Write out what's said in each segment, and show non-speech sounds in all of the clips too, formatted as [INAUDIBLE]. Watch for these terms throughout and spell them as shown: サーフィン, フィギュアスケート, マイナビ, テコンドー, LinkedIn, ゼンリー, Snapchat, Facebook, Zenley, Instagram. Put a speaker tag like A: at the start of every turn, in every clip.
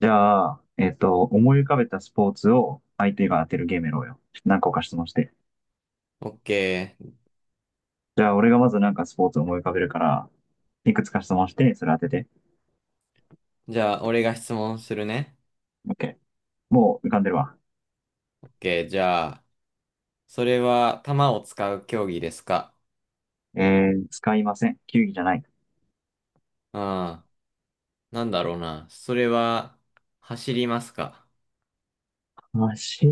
A: じゃあ、思い浮かべたスポーツを相手が当てるゲームやろうよ。何個か質問して。
B: OK。
A: じゃあ、俺がまずなんかスポーツを思い浮かべるから、いくつか質問して、それ当てて。
B: じゃあ、俺が質問するね。
A: OK。もう浮かんでるわ。
B: OK。じゃあ、それは弾を使う競技ですか？
A: 使いません。球技じゃない。
B: うん。なんだろうな。それは走りますか？
A: 走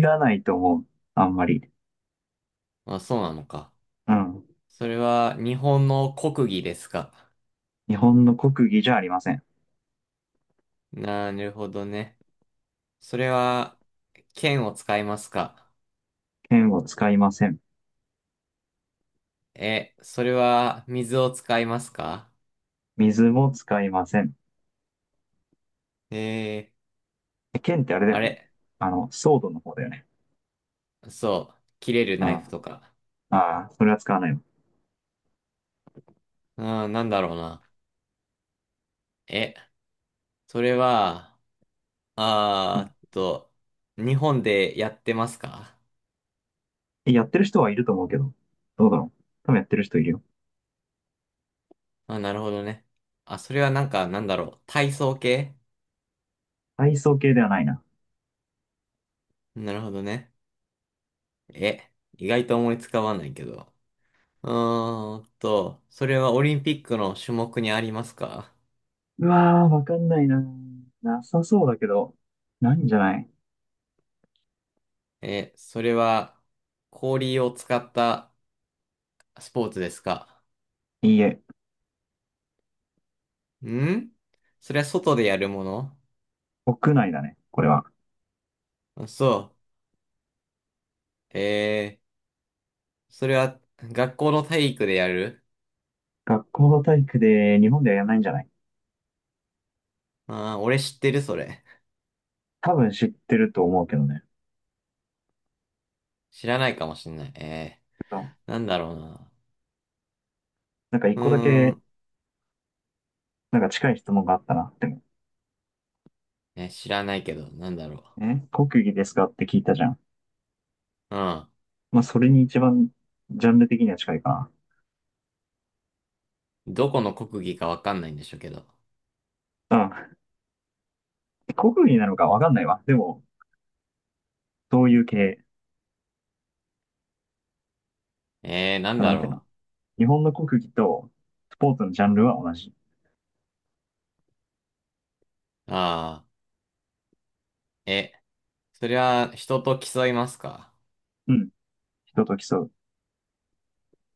A: らないと思う。あんまり。
B: まあ、そうなのか。
A: うん。
B: それは日本の国技ですか？
A: 日本の国技じゃありません。
B: なるほどね。それは剣を使いますか？
A: 剣を使いません。
B: え、それは水を使いますか？
A: 水も使いません。
B: えー、
A: 剣ってあれだよ
B: あ
A: ね。
B: れ、
A: ソードの方だよね。
B: そう。切れる
A: うん。
B: ナイ
A: あ
B: フとか。
A: あ、それは使わないわ。
B: うん、なんだろうな。え、それは、
A: う
B: あ
A: ん。
B: ーっと、日本でやってますか？
A: やってる人はいると思うけど。どうだろう。多分やってる人いるよ。
B: あ、なるほどね。あ、それはなんか、なんだろう。体操系？
A: 体操系ではないな。
B: なるほどね。え、意外と思いつかわないけど。それはオリンピックの種目にありますか？
A: うわー、わかんないな。なさそうだけど、ないんじゃない？
B: え、それは氷を使ったスポーツですか？
A: いいえ、
B: ん、それは外でやるもの？
A: 屋内だね、これは。
B: あそう。それは学校の体育でやる？
A: 学校の体育で日本ではやらないんじゃない？
B: ああー、俺知ってる、それ。
A: 多分知ってると思うけどね。
B: 知らないかもしんない。
A: あ
B: ーなんだろうな。
A: なんか一
B: う
A: 個だ
B: ー
A: け、
B: ん。
A: なんか近い質問があったな。でも、
B: ね、知らないけど、なんだろ
A: 国技ですかって聞いたじゃん。
B: う。う
A: まあ、それに一番、ジャンル的には近いか
B: ん。どこの国技かわかんないんでしょうけど。
A: な。うん。国技なのかわかんないわ。でも、どういう系、
B: なんだ
A: なんていうの？
B: ろ
A: 日本の国技とスポーツのジャンルは同じ。
B: う。ああ、え、それは人と競いますか？
A: うん。人と競う。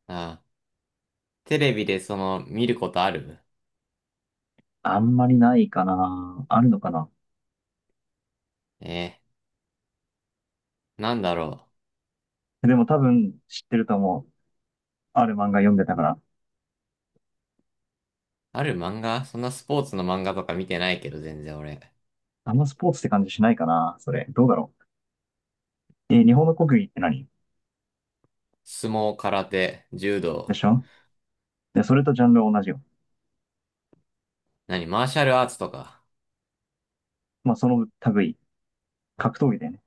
B: ああー、テレビでその、見ることある？
A: あんまりないかな。あるのかな。
B: え、え、なんだろう。
A: でも多分知ってると思う。ある漫画読んでたから。
B: ある漫画そんなスポーツの漫画とか見てないけど、全然俺。
A: あんまスポーツって感じしないかな。それ。どうだろう。日本の国技って何
B: 相撲、空手、柔
A: で
B: 道。
A: しょ？で、それとジャンルは同じよ。
B: 何マーシャルアーツとか。
A: まあ、その類。格闘技だよね。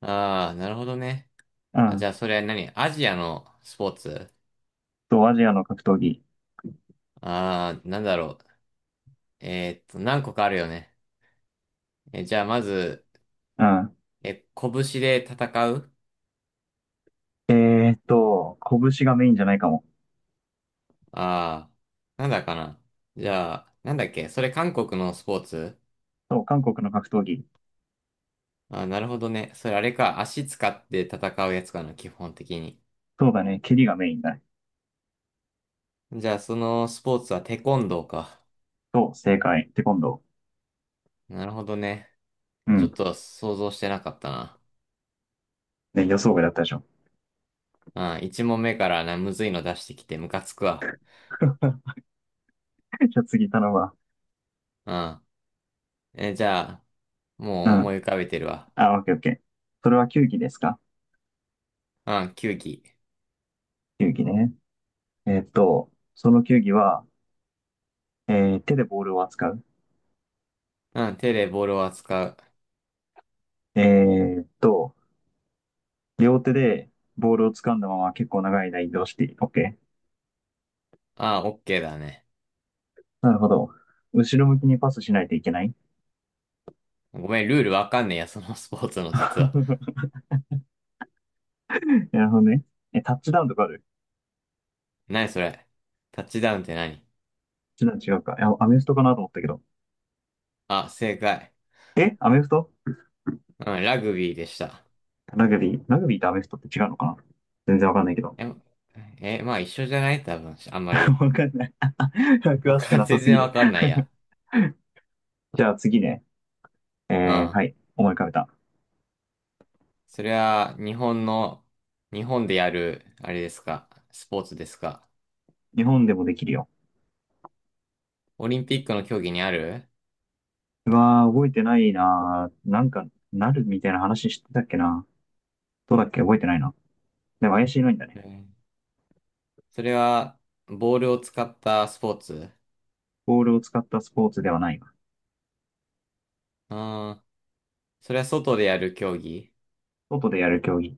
B: ああ、なるほどね。
A: う
B: あ、じ
A: ん。
B: ゃあそれは何アジアのスポーツ？
A: と、アジアの格闘技。
B: あー、なんだろう。えーっと、何個かあるよね。え、じゃあ、まず、
A: うん。
B: え、拳で戦う？
A: えーっと、拳がメインじゃないかも。
B: あー、なんだかな。じゃあ、なんだっけそれ韓国のスポーツ？
A: そう、韓国の格闘技。
B: あー、なるほどね。それあれか。足使って戦うやつかな、基本的に。
A: そうだね。蹴りがメインだね。
B: じゃあ、そのスポーツはテコンドーか。
A: そう、正解。テコンド
B: なるほどね。
A: ー。う
B: ちょ
A: ん。
B: っと想像してなかったな。
A: ね、予想外だったでしょ？
B: うん、一問目からな、むずいの出してきてムカつくわ。
A: [LAUGHS] じゃあ次頼むわ。
B: うん。え、じゃあ、
A: う
B: もう思
A: ん。
B: い浮かべてるわ。
A: あ、オッケーオッケー。それは球技ですか？
B: うん、球技。
A: 球技ね。その球技は、手でボールを扱う。
B: うん、手でボールを扱う。
A: えーっと、両手でボールを掴んだまま結構長い間移動して、オッケー。
B: ああ、オッケーだね。
A: なるほど。後ろ向きにパスしないといけない？
B: ごめん、ルールわかんねえや、[LAUGHS] そのスポーツの実は。
A: [LAUGHS] なるほどね。タッチダウンとかある？
B: 何それ。タッチダウンって何？
A: タッチダウン違うか。いや、アメフトかなと思ったけど。
B: あ、正解。
A: アメフト？
B: うん、ラグビーでした。
A: ラグビーとアメフトって違うのかな？全然わかんないけど。
B: え、え、まあ一緒じゃない多分、あんま
A: [LAUGHS]
B: り。
A: わかんない。[LAUGHS]
B: わ
A: 詳しく
B: かん、
A: なさ
B: 全
A: すぎ
B: 然わ
A: る。
B: かんないや。
A: じゃあ次ね。
B: う
A: え
B: ん。
A: はい。思い浮かべた。
B: それは、日本の、日本でやる、あれですか、スポーツですか。
A: 日本でもできるよ。
B: オリンピックの競技にある？
A: うわー、覚えてないなー。なんか、なるみたいな話してたっけな。どうだっけ覚えてないな。でも怪しいのにだ
B: う
A: ね。
B: ん、それは、ボールを使ったスポーツ？
A: ボールを使ったスポーツではないわ。
B: うん。それは外でやる競技？
A: 外でやる競技。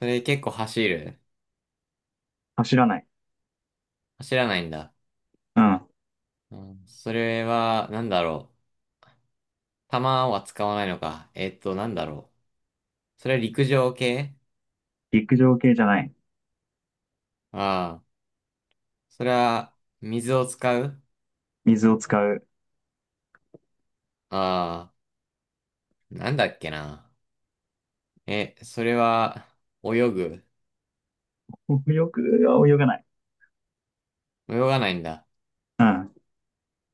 B: それ結構走る？
A: 走らない。
B: 走らないんだ。
A: うん。
B: うん、それは、なんだろう。弾は使わないのか。えっと、なんだろう。それは陸上系？
A: 陸上系じゃない。
B: ああ、それは水を使う？
A: 水を使う。
B: ああ、なんだっけな。え、それは泳ぐ？
A: 泳泳がない。
B: 泳がないんだ。
A: うん。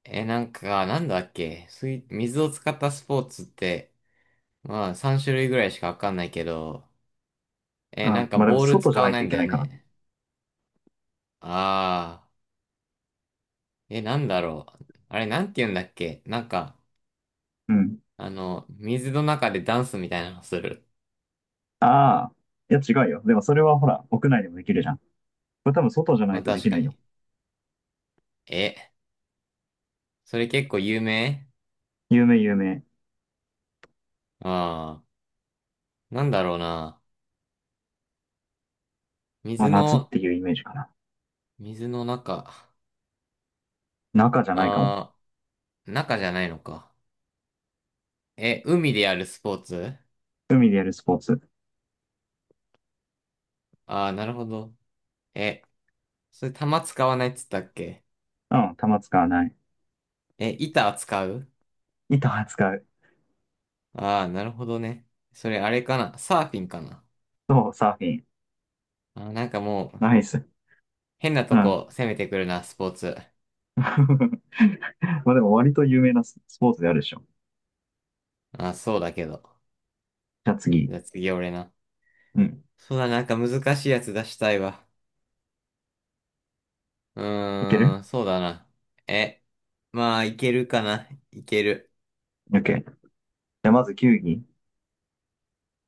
B: え、なんか、なんだっけ水、水を使ったスポーツって、まあ3種類ぐらいしかわかんないけど、
A: う
B: え、なん
A: ん。
B: か
A: まあでも、
B: ボール
A: 外じゃ
B: 使わ
A: ない
B: な
A: と
B: い
A: い
B: ん
A: け
B: だ
A: な
B: よ
A: いからね。
B: ね。ああ。え、なんだろう。あれ、なんて言うんだっけなんか、
A: うん。
B: あの、水の中でダンスみたいなのする。
A: ああ。いや、違うよ。でも、それはほら、屋内でもできるじゃん。これ多分、外じゃな
B: ま
A: い
B: あ、
A: とで
B: 確
A: きな
B: か
A: いよ。
B: に。え、それ結構有名？
A: 有名、有名。
B: ああー、なんだろうな。
A: まあ、
B: 水
A: 夏っ
B: の、
A: ていうイメージかな。
B: 水の中。
A: 中じゃないかも。
B: ああ、中じゃないのか。え、海でやるスポーツ？
A: 海でやるスポーツ。
B: ああー、なるほど。え、それ玉使わないっつったっけ？
A: うん、球使わない。
B: え、板使う？
A: 板は使う。
B: ああー、なるほどね。それあれかな。サーフィンかな。
A: そう、サーフィン。
B: あー、なんかもう、
A: ナイス。
B: 変な
A: う
B: と
A: ん。
B: こ攻めてくるな、スポーツ。
A: [LAUGHS] まあでも割と有名なスポーツであるでしょ？
B: あ、そうだけど。
A: じゃあ次。
B: じゃあ次俺な。
A: うん。
B: そうだ、なんか難しいやつ出したいわ。う
A: いけ
B: ー
A: る？
B: ん、そうだな。え、まあ、いけるかな。いける。
A: OK。じゃあまず球技？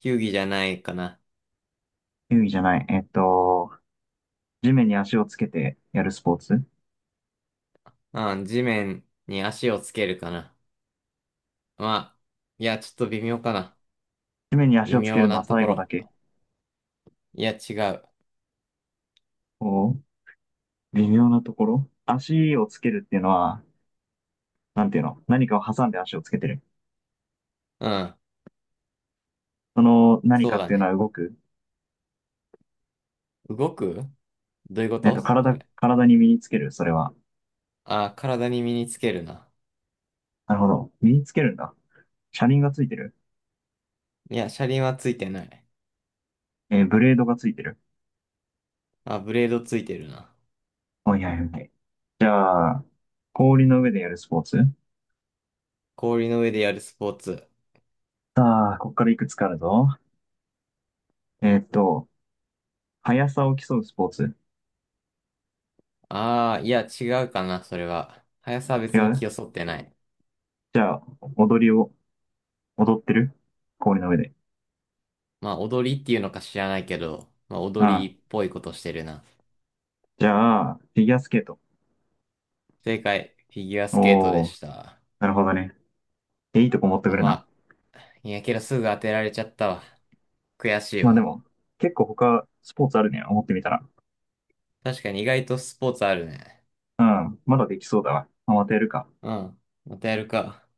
B: 球技じゃないかな。
A: 球技じゃない。地面に足をつけてやるスポーツ。
B: うん、地面に足をつけるかな。まあ、いや、ちょっと微妙かな。
A: 地面に足
B: 微
A: をつけ
B: 妙
A: るのは
B: なと
A: 最
B: こ
A: 後だ
B: ろ。
A: け。
B: いや、違う。
A: おー、微妙なところ。足をつけるっていうのは、なんていうの？何かを挟んで足をつけてる。
B: うん、
A: その何
B: そ
A: か
B: う
A: っ
B: だ
A: ていうのは
B: ね。
A: 動く。
B: 動く？どういうことそ
A: 体、
B: れ。
A: 体に身につける、それは。
B: あ、体に身につけるな。
A: なるほど。身につけるんだ。車輪がついてる？
B: いや、車輪はついてない。
A: ブレードがついてる？
B: あ、ブレードついてるな。
A: はいはいはい。じゃあ、氷の上でやるスポーツ？
B: 氷の上でやるスポーツ。
A: さあ、ここからいくつかあるぞ。えーっと、速さを競うスポーツ？
B: ああ、いや、違うかな、それは。速さは
A: 違
B: 別に気
A: う？
B: をそってない。
A: じゃあ、踊りを、踊ってる？氷の上で。
B: まあ、踊りっていうのか知らないけど、まあ、
A: う
B: 踊
A: ん。
B: りっぽいことしてるな。
A: じゃあ、フィギュアスケート？
B: 正解、フィギュアスケートで
A: おー、
B: した。
A: なるほどね。いいとこ持ってく
B: あ
A: る
B: ま
A: な。
B: あ、いやけどすぐ当てられちゃったわ。悔しい
A: まあで
B: わ。
A: も、結構他スポーツあるね。思ってみたら。
B: 確かに意外とスポーツあるね。
A: うん。まだできそうだわ。まあ、またやるか。
B: うん、またやるか。